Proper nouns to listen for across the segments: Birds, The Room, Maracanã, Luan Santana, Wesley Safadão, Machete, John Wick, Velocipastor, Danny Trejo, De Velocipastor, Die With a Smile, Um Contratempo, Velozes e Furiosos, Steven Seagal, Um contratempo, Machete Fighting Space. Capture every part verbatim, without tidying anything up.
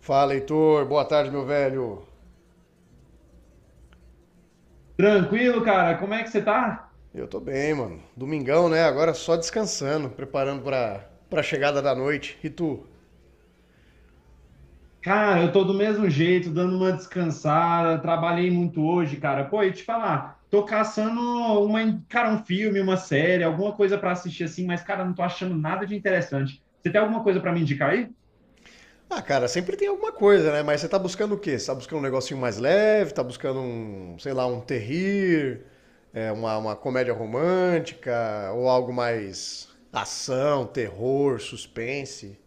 Fala, Heitor. Boa tarde, meu velho. Tranquilo, cara? Como é que você tá? Eu tô bem, mano. Domingão, né? Agora só descansando, preparando pra, pra chegada da noite. E tu? Cara, eu tô do mesmo jeito, dando uma descansada, trabalhei muito hoje, cara. Pô, e te falar, tô caçando uma, cara, um filme, uma série, alguma coisa pra assistir assim, mas, cara, não tô achando nada de interessante. Você tem alguma coisa pra me indicar aí? Ah, cara, sempre tem alguma coisa, né? Mas você tá buscando o quê? Você tá buscando um negocinho mais leve? Tá buscando um, sei lá, um terrir? É, uma, uma comédia romântica? Ou algo mais ação, terror, suspense?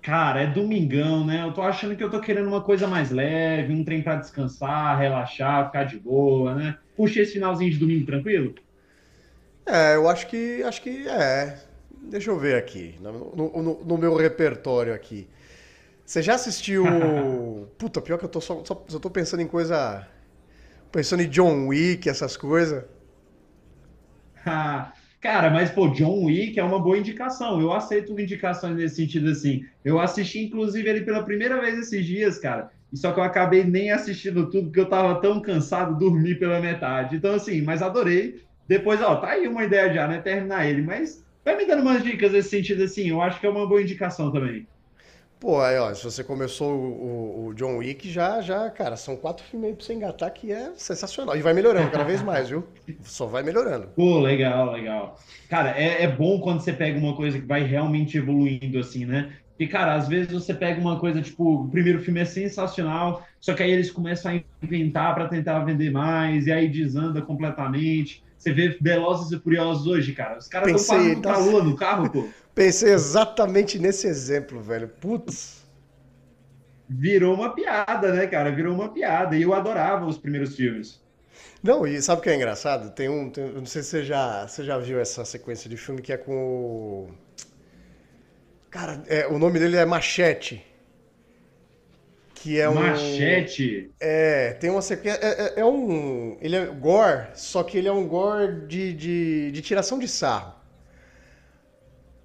Cara, é domingão, né? Eu tô achando que eu tô querendo uma coisa mais leve, um trem pra descansar, relaxar, ficar de boa, né? Curtir esse finalzinho de domingo tranquilo? É, eu acho que, acho que é. Deixa eu ver aqui, no, no- no- no meu repertório aqui. Você já assistiu. Puta, pior que eu tô só, só, só tô pensando em coisa. Pensando em John Wick, essas coisas. Ah, cara, mas pô, John Wick é uma boa indicação. Eu aceito indicações nesse sentido assim. Eu assisti inclusive ele pela primeira vez esses dias, cara. E só que eu acabei nem assistindo tudo porque eu tava tão cansado, dormi pela metade. Então assim, mas adorei. Depois, ó, tá aí uma ideia já, né? Terminar ele, mas vai me dando umas dicas nesse sentido assim. Eu acho que é uma boa indicação também. Pô, aí, ó, se você começou o, o- o John Wick, já, já, cara, são quatro filmes aí pra você engatar que é sensacional. E vai melhorando cada vez mais, viu? Só vai melhorando. Pô, legal, legal. Cara, é, é bom quando você pega uma coisa que vai realmente evoluindo, assim, né? Porque, cara, às vezes você pega uma coisa, tipo, o primeiro filme é sensacional, só que aí eles começam a inventar para tentar vender mais, e aí desanda completamente. Você vê Velozes e Furiosos hoje, cara, os caras estão quase Pensei, indo pra nas- lua no carro, pô. pensei exatamente nesse exemplo, velho. Putz. Virou uma piada, né, cara? Virou uma piada. E eu adorava os primeiros filmes. Não, e sabe o que é engraçado? Tem um. tem- eu não sei se você já, você já viu essa sequência de filme que é com o. Cara, é, o nome dele é Machete. Que é um. Machete. É, tem uma sequência. É, é- é um. Ele é gore, só que ele é um gore de, de, de tiração de sarro.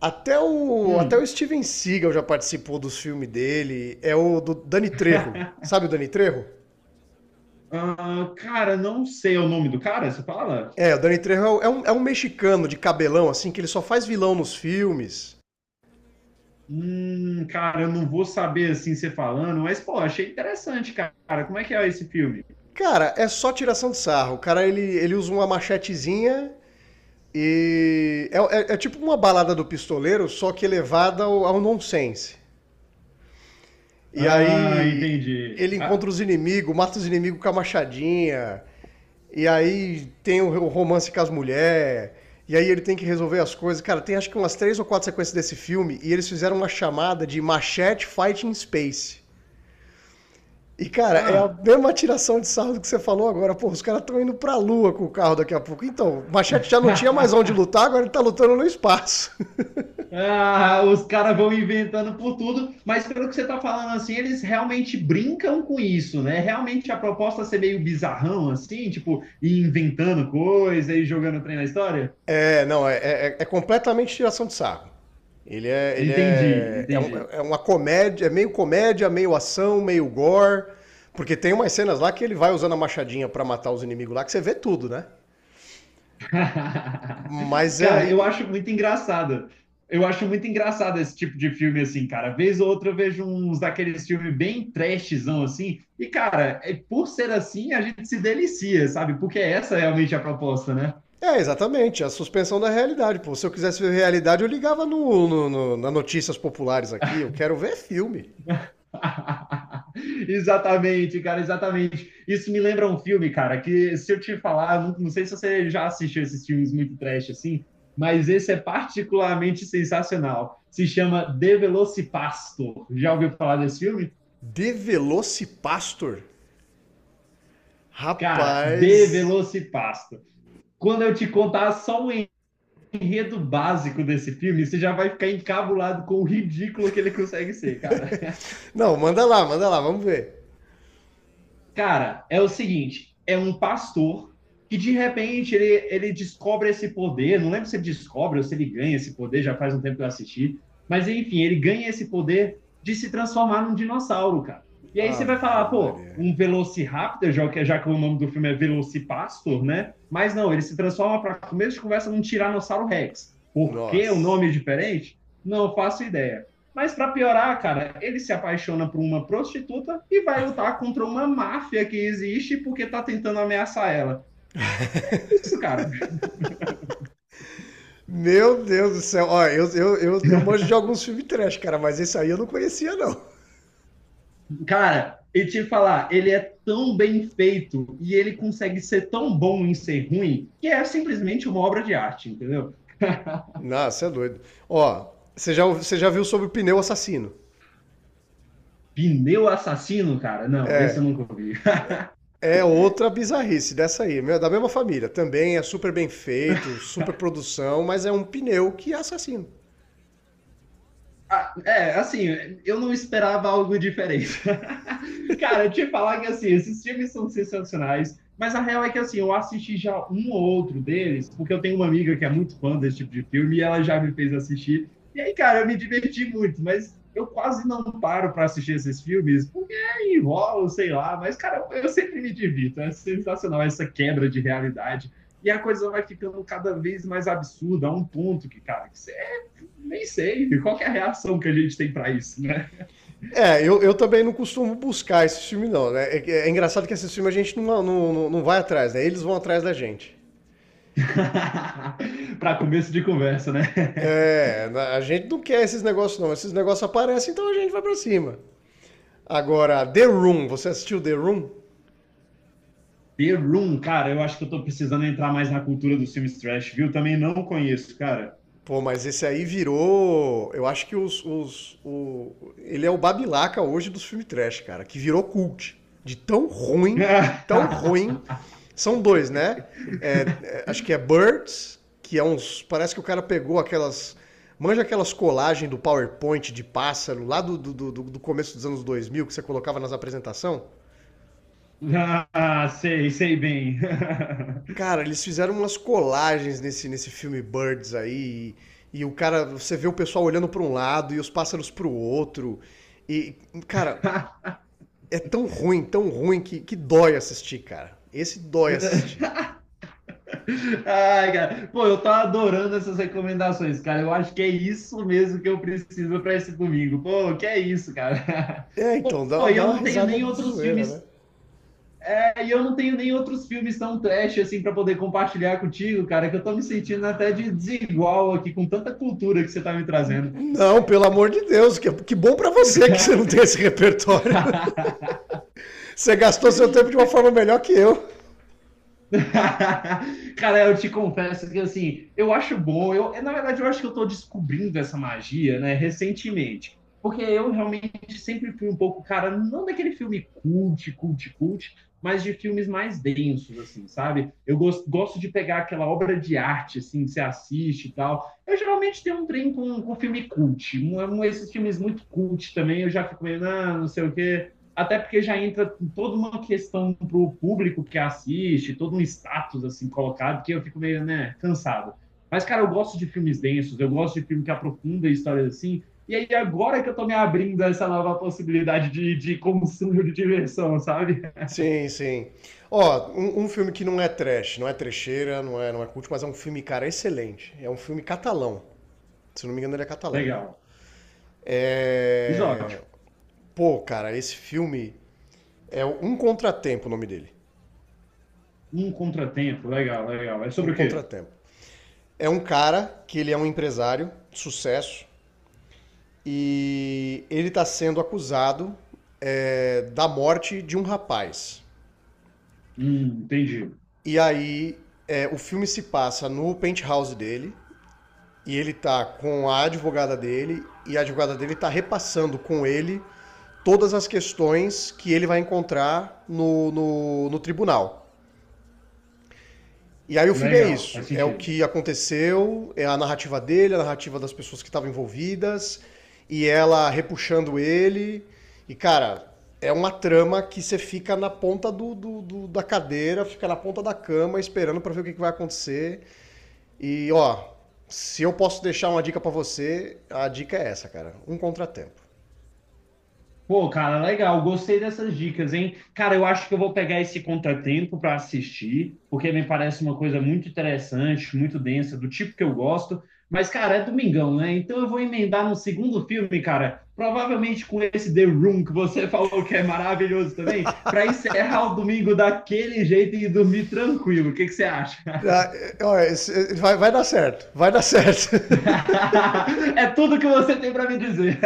Até o, até o Hum. Steven Seagal já participou dos filmes dele. É o do Danny Trejo. Sabe o Danny Trejo? Ah, cara, não sei o nome do cara, você fala? É, o Danny Trejo é um- é um, é um mexicano de cabelão, assim, que ele só faz vilão nos filmes. Hum, cara, eu não vou saber assim você falando, mas pô, achei interessante, cara. Como é que é esse filme? Cara, é só tiração de sarro. O cara, ele, ele usa uma machetezinha e... É, é- é tipo uma balada do pistoleiro, só que elevada ao, ao nonsense. E Ah, aí entendi. ele encontra Ah, os inimigos, mata os inimigos com a machadinha. E aí tem o romance com as mulheres. E aí ele tem que resolver as coisas. Cara, tem acho que umas três ou quatro sequências desse filme e eles fizeram uma chamada de Machete Fighting Space. E, cara, é a ah. mesma tiração de sarro do que você falou agora. Pô, os caras estão indo pra lua com o carro daqui a pouco. Então, o Machete já não tinha mais onde lutar, agora ele tá lutando no espaço. Ah, os caras vão inventando por tudo, mas pelo que você tá falando assim, eles realmente brincam com isso, né? Realmente a proposta é ser meio bizarrão assim, tipo, ir inventando coisa e jogando trem na história? É, não, é, é- é completamente tiração de sarro. Ele é, ele Entendi, é, é, um- entendi. é uma comédia, é meio comédia, meio ação, meio gore, porque tem umas cenas lá que ele vai usando a machadinha pra matar os inimigos lá, que você vê tudo, né? Mas é, Cara, eu e- acho muito engraçado. Eu acho muito engraçado esse tipo de filme, assim, cara. Vez ou outra eu vejo uns daqueles filmes bem trashzão, assim. E, cara, é, por ser assim, a gente se delicia, sabe? Porque essa é realmente a proposta, né? é exatamente, é a suspensão da realidade. Pô, se eu quisesse ver realidade, eu ligava no, no, no- na notícias populares aqui. Eu quero ver filme. Exatamente, cara, exatamente. Isso me lembra um filme, cara, que se eu te falar, não, não sei se você já assistiu esses filmes muito trash assim, mas esse é particularmente sensacional. Se chama De Velocipastor. Já ouviu falar desse filme? De Velocipastor, Cara, rapaz. De Velocipastor. Quando eu te contar só o enredo básico desse filme, você já vai ficar encabulado com o ridículo que ele consegue ser, cara. Não, manda lá, manda lá, vamos ver. Cara, é o seguinte, é um pastor que de repente ele, ele descobre esse poder, não lembro se ele descobre ou se ele ganha esse poder, já faz um tempo que eu assisti, mas enfim, ele ganha esse poder de se transformar num dinossauro, cara. E aí você vai falar, Ave pô, Maria. um Velociraptor, já que, já que o nome do filme é Velocipastor, né? Mas não, ele se transforma para começo de conversa num Tiranossauro Rex. Por que o Nossa. nome é diferente? Não faço ideia. Mas para piorar, cara, ele se apaixona por uma prostituta e vai lutar contra uma máfia que existe porque tá tentando ameaçar ela. Isso, cara. Meu Deus do céu. Ó, eu, eu, eu, eu manjo de alguns filmes trash, cara, mas esse aí eu não conhecia, não. Cara, e te falar, ele é tão bem feito e ele consegue ser tão bom em ser ruim que é simplesmente uma obra de arte, entendeu? Nossa, você é doido. Ó, você já, você já viu sobre o pneu assassino? Pneu assassino, cara? Não, esse eu nunca vi. É outra bizarrice dessa aí, meu, é da mesma família. Também é super bem feito, super produção, mas é um pneu que é assassino. Ah, é, assim, eu não esperava algo diferente. Cara, eu te falar que, assim, esses filmes são sensacionais, mas a real é que, assim, eu assisti já um ou outro deles, porque eu tenho uma amiga que é muito fã desse tipo de filme e ela já me fez assistir. E aí, cara, eu me diverti muito, mas eu quase não paro para assistir esses filmes, porque é, enrola, sei lá, mas, cara, eu sempre me divirto. É sensacional essa quebra de realidade. E a coisa vai ficando cada vez mais absurda, a um ponto que, cara, que você nem sei qual que é a reação que a gente tem para isso, né? É, eu, eu também não costumo buscar esse filme, não, né? É, é engraçado que esse filme a gente não, não, não, não vai atrás, né? Eles vão atrás da gente. Para começo de conversa, né? É, a gente não quer esses negócios, não. Esses negócios aparecem, então a gente vai pra cima. Agora, The Room, você assistiu The Room? The Room, cara, eu acho que eu tô precisando entrar mais na cultura dos filmes trash, viu? Também não conheço, cara. Pô, mas esse aí virou. Eu acho que os. os o... Ele é o Babilaca hoje dos filmes trash, cara, que virou cult. De tão ruim, de tão ruim. São dois, né? É, é, acho que é Birds, que é uns. Parece que o cara pegou aquelas. Manja aquelas colagens do PowerPoint de pássaro lá do, do, do, do começo dos anos dois mil que você colocava nas apresentações? Ah, sei, sei bem. Cara, eles fizeram umas colagens nesse, nesse filme Birds aí. E, e o cara, você vê o pessoal olhando para um lado e os pássaros para o outro. E, cara, é tão ruim, tão ruim que, que dói assistir, cara. Esse dói assistir. Ai, cara. Pô, eu tô adorando essas recomendações, cara. Eu acho que é isso mesmo que eu preciso para esse domingo. Pô, que é isso, cara. É, então, dá, Pô, e dá eu uma não tenho risada nem de outros zoeira, né? filmes aí Eu não tenho nem outros filmes tão trash assim para poder compartilhar contigo, cara, que eu tô me sentindo até de desigual aqui com tanta cultura que você tá me trazendo. Não, pelo amor de Deus, que, que bom pra você que você não tem esse repertório. Você gastou seu tempo de uma forma melhor que eu. Cara, eu te confesso que assim, eu acho bom. Eu, na verdade, eu acho que eu estou descobrindo essa magia, né, recentemente. Porque eu realmente sempre fui um pouco, cara, não daquele filme cult, cult, cult, mas de filmes mais densos, assim, sabe? Eu gosto, gosto de pegar aquela obra de arte, assim, que você assiste e tal. Eu geralmente tenho um trem com, com filme cult. Um, um- esses filmes muito cult também, eu já fico meio, ah, não sei o quê até porque já entra toda uma questão para o público que assiste, todo um status assim colocado, que eu fico meio né, cansado. Mas, cara, eu gosto de filmes densos, eu gosto de filme que aprofunda histórias assim. E aí, agora que eu tô me abrindo a essa nova possibilidade de, de consumo de diversão, sabe? Sim, sim. Ó, um, um filme que não é trash, não é trecheira, não é, não é culto, mas é um filme, cara, excelente. É um filme catalão. Se não me engano, ele é catalão. Legal. É... Exótico. Pô, cara, esse filme é um contratempo o nome dele. Um contratempo, legal, legal. É Um sobre o quê? contratempo. É um cara que ele é um empresário, de sucesso, e ele tá sendo acusado é, da morte de um rapaz. Hum, entendi. E aí é, o filme se passa no penthouse dele, E ele tá com a advogada dele e a advogada dele tá repassando com ele todas as questões que ele vai encontrar no, no, no tribunal. E aí o filme é Legal, faz isso, é o sentido. que aconteceu, é a narrativa dele, a narrativa das pessoas que estavam envolvidas, e ela repuxando ele. E, cara, é uma trama que você fica na ponta do, do- do- da cadeira, fica na ponta da cama esperando pra ver o que, que vai acontecer. E ó, se eu posso deixar uma dica pra você, a dica é essa, cara. Um contratempo. Pô, cara, legal, gostei dessas dicas, hein? Cara, eu acho que eu vou pegar esse contratempo para assistir, porque me parece uma coisa muito interessante, muito densa, do tipo que eu gosto. Mas, cara, é domingão, né? Então eu vou emendar no segundo filme, cara, provavelmente com esse The Room que você falou que é maravilhoso também, para encerrar o domingo daquele jeito e dormir tranquilo. O que que você acha? Ah, é, ó, esse- é, Vai, vai dar certo, vai dar certo. É tudo que você tem para me dizer.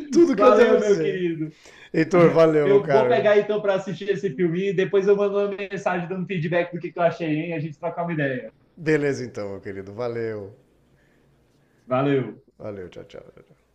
Tudo que eu tenho pra Valeu, meu dizer. querido. Heitor, valeu, meu Eu vou caro. pegar então para assistir esse filme e depois eu mando uma mensagem dando feedback do que eu achei, hein? A gente troca uma ideia. Beleza então, meu querido. Valeu. Valeu! Valeu, tchau, tchau. Tchau, tchau.